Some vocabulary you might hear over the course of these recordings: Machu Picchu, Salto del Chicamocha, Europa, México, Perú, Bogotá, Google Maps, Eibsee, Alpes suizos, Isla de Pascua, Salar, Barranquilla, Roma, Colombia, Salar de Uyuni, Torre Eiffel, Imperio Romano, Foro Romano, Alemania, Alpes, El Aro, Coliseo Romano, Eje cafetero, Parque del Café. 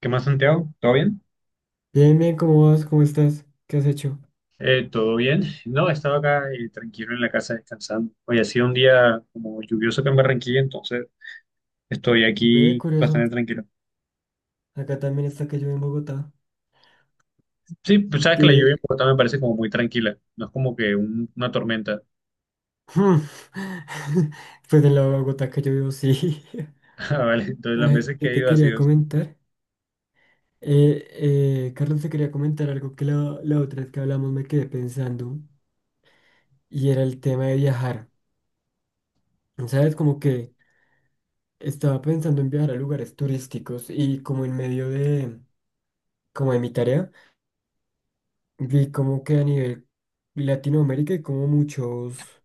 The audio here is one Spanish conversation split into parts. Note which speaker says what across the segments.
Speaker 1: ¿Qué más, Santiago? ¿Todo bien?
Speaker 2: Bien, bien, ¿cómo vas? ¿Cómo estás? ¿Qué has hecho?
Speaker 1: ¿Todo bien? No, he estado acá tranquilo en la casa descansando. Hoy ha sido un día como lluvioso acá en Barranquilla, entonces estoy
Speaker 2: Ve,
Speaker 1: aquí
Speaker 2: curioso.
Speaker 1: bastante tranquilo.
Speaker 2: Acá también está que llueve en Bogotá.
Speaker 1: Sí, pues sabes que la lluvia en
Speaker 2: Que.
Speaker 1: Bogotá me parece como muy tranquila, no es como que una tormenta.
Speaker 2: Pues en la Bogotá que yo vivo, sí.
Speaker 1: Ah, vale, entonces las
Speaker 2: Ay,
Speaker 1: veces que
Speaker 2: y
Speaker 1: he
Speaker 2: te
Speaker 1: ido ha
Speaker 2: quería
Speaker 1: sido así.
Speaker 2: comentar. Eh, Carlos, te quería comentar algo que la otra vez que hablamos me quedé pensando. Y era el tema de viajar. ¿Sabes? Como que estaba pensando en viajar a lugares turísticos y como en medio de. Como de mi tarea, vi como que a nivel Latinoamérica hay como muchos.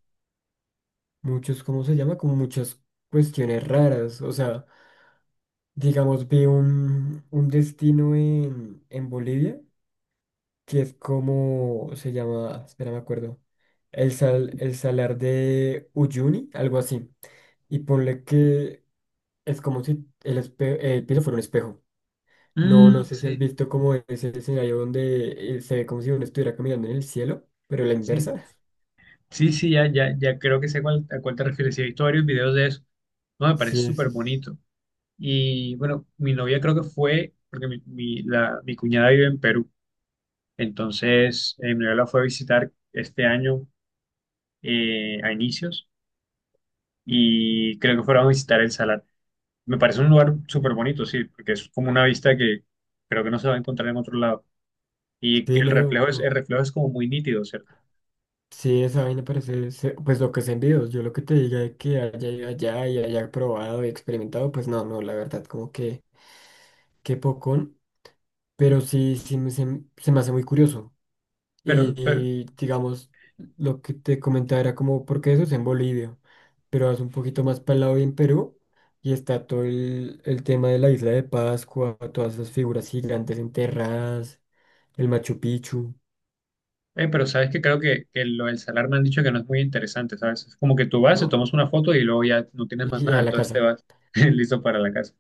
Speaker 2: Muchos, ¿cómo se llama? Como muchas cuestiones raras. O sea, digamos, vi un destino en Bolivia que es como se llama, espera, me acuerdo, el, sal, el salar de Uyuni, algo así. Y ponle que es como si el, espe- el piso fuera un espejo. No, no
Speaker 1: Mm,
Speaker 2: sé si has
Speaker 1: sí,
Speaker 2: visto como ese escenario donde se ve como si uno estuviera caminando en el cielo, pero la
Speaker 1: sí,
Speaker 2: inversa.
Speaker 1: sí, sí, ya, ya, ya creo que sé a cuál te refieres. Sí, he visto varios videos de eso. No, me parece
Speaker 2: Sí,
Speaker 1: súper
Speaker 2: sí,
Speaker 1: bonito. Y bueno, mi novia creo que fue, porque mi cuñada vive en Perú. Entonces, Manuela fue a visitar este año a inicios y creo que fueron a visitar el Salar. Me parece un lugar súper bonito, sí, porque es como una vista que creo que no se va a encontrar en otro lado. Y que
Speaker 2: sí, no.
Speaker 1: el reflejo es como muy nítido, ¿cierto?
Speaker 2: Sí, esa vaina parece, se- pues lo que es en videos, yo lo que te diga es que haya ido allá y haya probado y experimentado, pues no, no, la verdad, como que, qué pocón, pero sí, sí me, se me hace muy curioso.
Speaker 1: Pero, pero,
Speaker 2: Y, digamos, lo que te comentaba era como, porque eso es en Bolivia, pero vas un poquito más para el lado y en Perú, y está todo el tema de la isla de Pascua, todas esas figuras gigantes enterradas, el Machu Picchu,
Speaker 1: pero sabes que creo que lo del Salar me han dicho que no es muy interesante, ¿sabes? Es como que tú vas, te
Speaker 2: ¿no?
Speaker 1: tomas una foto y luego ya no tienes más
Speaker 2: Y
Speaker 1: nada,
Speaker 2: a la
Speaker 1: entonces te
Speaker 2: casa.
Speaker 1: vas listo para la casa.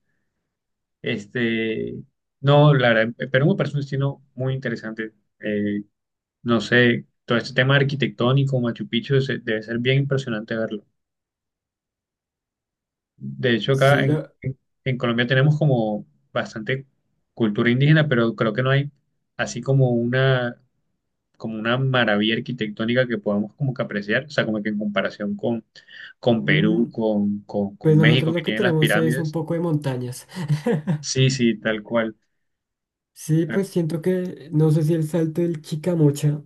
Speaker 1: Este, no, la verdad, Perú me parece un destino muy interesante. Eh, No sé, todo este tema arquitectónico, Machu Picchu, debe ser bien impresionante verlo. De hecho, acá
Speaker 2: Sí, la-
Speaker 1: en Colombia tenemos como bastante cultura indígena, pero creo que no hay así como una maravilla arquitectónica que podamos como que apreciar, o sea, como que en comparación con Perú,
Speaker 2: mm, pues
Speaker 1: con
Speaker 2: nosotros
Speaker 1: México,
Speaker 2: lo
Speaker 1: que
Speaker 2: que
Speaker 1: tienen las
Speaker 2: tenemos es un
Speaker 1: pirámides.
Speaker 2: poco de montañas.
Speaker 1: Sí, sí, tal cual.
Speaker 2: Sí, pues siento que, no sé si el salto del Chicamocha.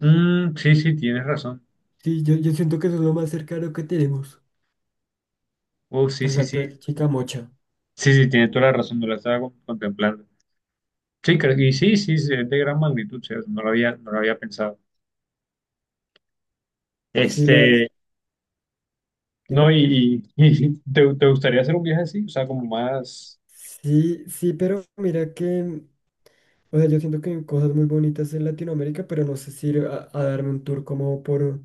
Speaker 1: Mm, sí, sí, tienes razón.
Speaker 2: Sí, yo siento que eso es lo más cercano que tenemos.
Speaker 1: Oh, sí,
Speaker 2: El
Speaker 1: sí, sí.
Speaker 2: salto del Chicamocha.
Speaker 1: Sí, sí, tienes toda la razón, no la estaba contemplando. Sí, creo que sí, sí, sí, es de gran magnitud, o sea, no lo había pensado.
Speaker 2: Sí, la verdad.
Speaker 1: Este, no,
Speaker 2: Dime.
Speaker 1: y ¿te, te gustaría hacer un viaje así? O sea, como más,
Speaker 2: Sí, sí, pero mira que, o sea, yo siento que hay cosas muy bonitas en Latinoamérica, pero no sé si ir a darme un tour como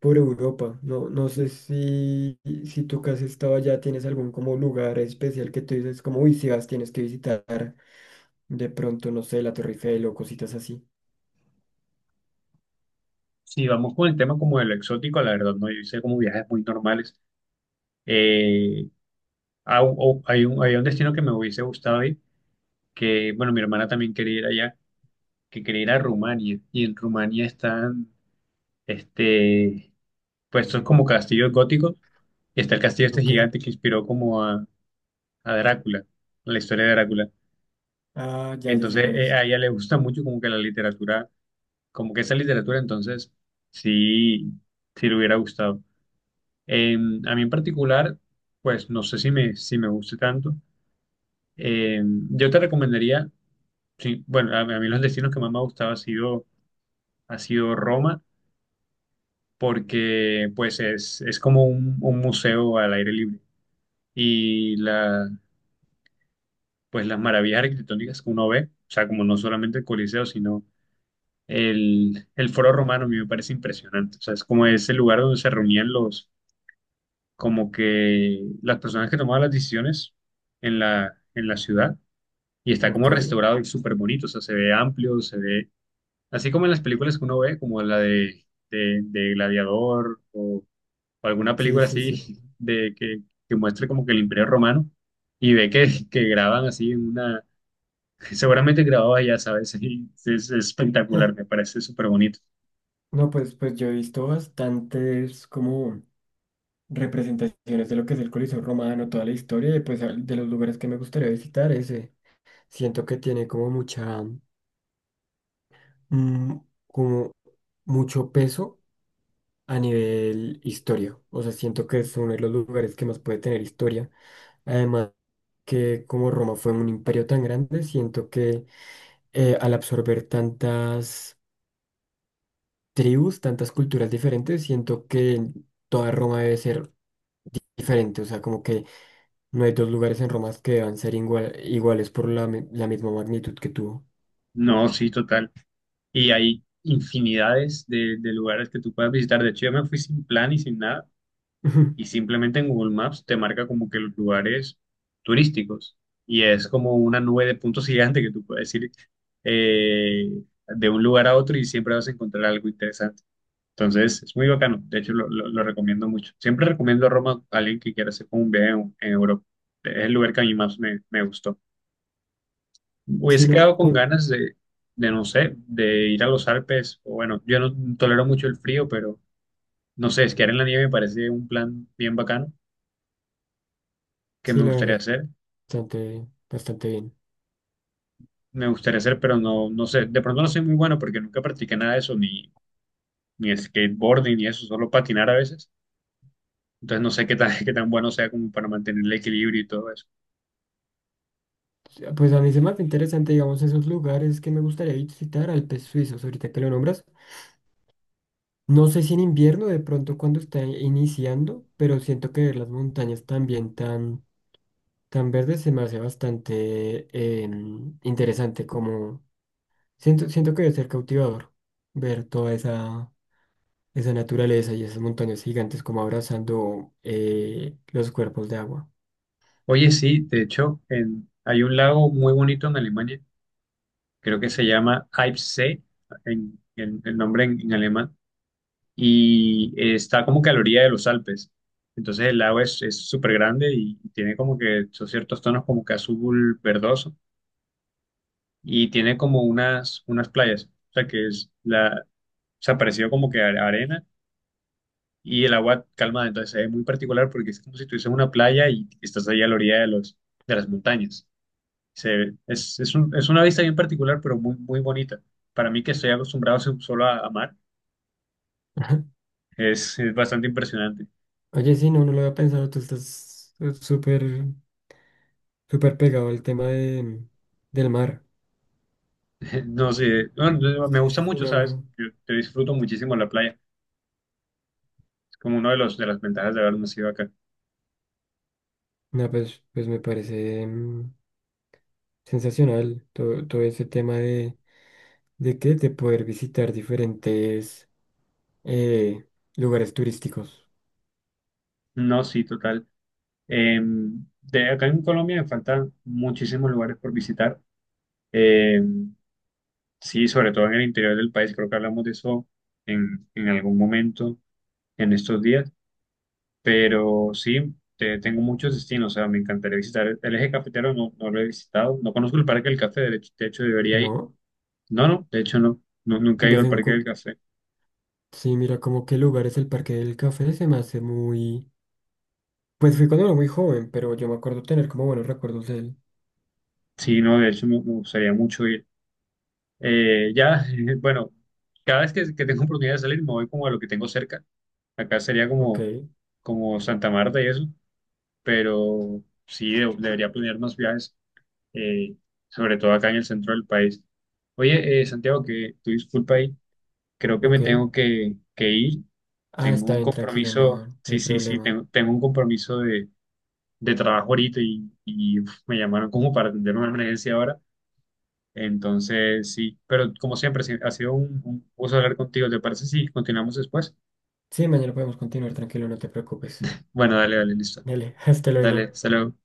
Speaker 2: por Europa. No, no sé si, si tú que has estado allá tienes algún como lugar especial que tú dices como, uy, si vas tienes que visitar de pronto, no sé, la Torre Eiffel o cositas así.
Speaker 1: si vamos con el tema como de lo exótico, la verdad, no, yo hice como viajes muy normales. Eh, hay hay un destino que me hubiese gustado ir, que, bueno, mi hermana también quería ir allá, que quería ir a Rumania, y en Rumania están, este, pues son como castillos góticos, y está el castillo este
Speaker 2: Ok.
Speaker 1: gigante que inspiró como a Drácula, la historia de Drácula.
Speaker 2: Ah, ya, ya sé
Speaker 1: Entonces,
Speaker 2: cuál es.
Speaker 1: a ella le gusta mucho como que la literatura, como que esa literatura, entonces, sí, sí le hubiera gustado. Eh, a mí en particular, pues no sé si me, si me guste tanto. Eh, yo te recomendaría, sí, bueno, a mí los destinos que más me ha gustado ha sido Roma, porque pues es como un museo al aire libre. Y la, pues las maravillas arquitectónicas que uno ve, o sea, como no solamente el Coliseo, sino el Foro Romano, a mí me parece impresionante. O sea, es como ese lugar donde se reunían los, como que las personas que tomaban las decisiones en la ciudad. Y está
Speaker 2: Ok.
Speaker 1: como restaurado y súper bonito. O sea, se ve amplio, se ve, así como en las películas que uno ve, como la de Gladiador o alguna
Speaker 2: Sí,
Speaker 1: película
Speaker 2: sí, sí.
Speaker 1: así de que muestre como que el Imperio Romano. Y ve que graban así en una, seguramente grababa ya, ¿sabes? Y es espectacular, me parece súper bonito.
Speaker 2: No, pues, pues yo he visto bastantes como representaciones de lo que es el Coliseo Romano, toda la historia, y pues al- de los lugares que me gustaría visitar, ese. Siento que tiene como mucha, mm, como mucho peso a nivel historia. O sea, siento que es uno de los lugares que más puede tener historia. Además, que como Roma fue un imperio tan grande, siento que al absorber tantas tribus, tantas culturas diferentes, siento que toda Roma debe ser diferente. O sea, como que no hay dos lugares en Roma que deban ser igual- iguales por la, mi- la misma magnitud que tuvo.
Speaker 1: No, sí, total. Y hay infinidades de lugares que tú puedes visitar. De hecho, yo me fui sin plan y sin nada. Y simplemente en Google Maps te marca como que los lugares turísticos. Y es como una nube de puntos gigante que tú puedes ir eh, de un lugar a otro y siempre vas a encontrar algo interesante. Entonces, es muy bacano. De hecho, lo recomiendo mucho. Siempre recomiendo Roma a alguien que quiera hacer como un viaje en Europa. Es el lugar que a mí más me, me gustó. Hubiese
Speaker 2: Sino
Speaker 1: quedado con ganas de, no sé, de ir a los Alpes. O bueno, yo no tolero mucho el frío, pero no sé, esquiar en la nieve me parece un plan bien bacano que
Speaker 2: sí,
Speaker 1: me
Speaker 2: la
Speaker 1: gustaría
Speaker 2: verdad,
Speaker 1: hacer.
Speaker 2: bastante, bastante bien.
Speaker 1: Me gustaría hacer, pero no, no sé. De pronto no soy muy bueno porque nunca practiqué nada de eso, ni, ni skateboarding, ni eso, solo patinar a veces. Entonces no sé qué tan, qué tan bueno sea como para mantener el equilibrio y todo eso.
Speaker 2: Ya, pues a mí se me hace interesante, digamos, esos lugares que me gustaría visitar, Alpes suizos, ahorita que lo nombras. No sé si en invierno, de pronto cuando está iniciando, pero siento que ver las montañas también tan, tan verdes se me hace bastante interesante, como siento, siento que debe ser cautivador ver toda esa, esa naturaleza y esas montañas gigantes como abrazando los cuerpos de agua.
Speaker 1: Oye, sí, de hecho, hay un lago muy bonito en Alemania, creo que se llama Eibsee, el nombre en alemán y está como que a la orilla de los Alpes. Entonces el lago es súper grande y tiene como que son ciertos tonos como que azul verdoso y tiene como unas, unas playas, o sea que es la, o sea, parecido como que arena y el agua calma, entonces es muy particular porque es como si tuvieses una playa y estás ahí a la orilla de los, de las montañas. Se, es, es una vista bien particular, pero muy, muy bonita. Para mí que estoy acostumbrado solo a mar, es bastante impresionante.
Speaker 2: Oye, sí, no, no lo había pensado. Tú estás súper, súper pegado al tema de, del mar.
Speaker 1: No sé, no, me
Speaker 2: Sí,
Speaker 1: gusta
Speaker 2: sí, sí,
Speaker 1: mucho,
Speaker 2: no,
Speaker 1: ¿sabes?
Speaker 2: no.
Speaker 1: Yo disfruto muchísimo la playa. Es como una de, los, de las ventajas de haber nacido acá.
Speaker 2: No, pues, pues me parece mm, sensacional todo, todo ese tema de qué, de poder visitar diferentes eh, lugares turísticos,
Speaker 1: No, sí, total. Eh, de acá en Colombia me faltan muchísimos lugares por visitar. Eh, sí, sobre todo en el interior del país. Creo que hablamos de eso en algún momento en estos días. Pero sí, tengo muchos destinos. O sea, me encantaría visitar el eje cafetero. No, no lo he visitado. No conozco el Parque del Café. De hecho, debería ir.
Speaker 2: ¿no?
Speaker 1: No, no, de hecho, no. No, nunca he
Speaker 2: Yo
Speaker 1: ido al
Speaker 2: fui, un
Speaker 1: Parque
Speaker 2: co-
Speaker 1: del Café.
Speaker 2: sí, mira, como qué lugar es el Parque del Café, se me hace muy... Pues fui cuando era muy joven, pero yo me acuerdo tener como buenos recuerdos de él.
Speaker 1: Sí, no, de hecho me, me gustaría mucho ir. Ya, bueno, cada vez que tengo oportunidad de salir me voy como a lo que tengo cerca. Acá sería
Speaker 2: Ok,
Speaker 1: como, como Santa Marta y eso, pero sí, debería planear más viajes, eh, sobre todo acá en el centro del país. Oye, Santiago, que tu disculpa ahí, creo que me tengo
Speaker 2: ok.
Speaker 1: que ir.
Speaker 2: Ah,
Speaker 1: Tengo
Speaker 2: está
Speaker 1: un
Speaker 2: bien, tranquilo,
Speaker 1: compromiso,
Speaker 2: no, no
Speaker 1: sí,
Speaker 2: hay
Speaker 1: sí, sí,
Speaker 2: problema.
Speaker 1: tengo, tengo un compromiso de trabajo ahorita y uf, me llamaron como para atender una emergencia ahora. Entonces, sí, pero como siempre, sí, ha sido un gusto hablar contigo. ¿Te parece si continuamos después?
Speaker 2: Sí, mañana podemos continuar, tranquilo, no te preocupes.
Speaker 1: Bueno, dale, dale, listo.
Speaker 2: Dale, hasta
Speaker 1: Dale,
Speaker 2: luego.
Speaker 1: hasta luego.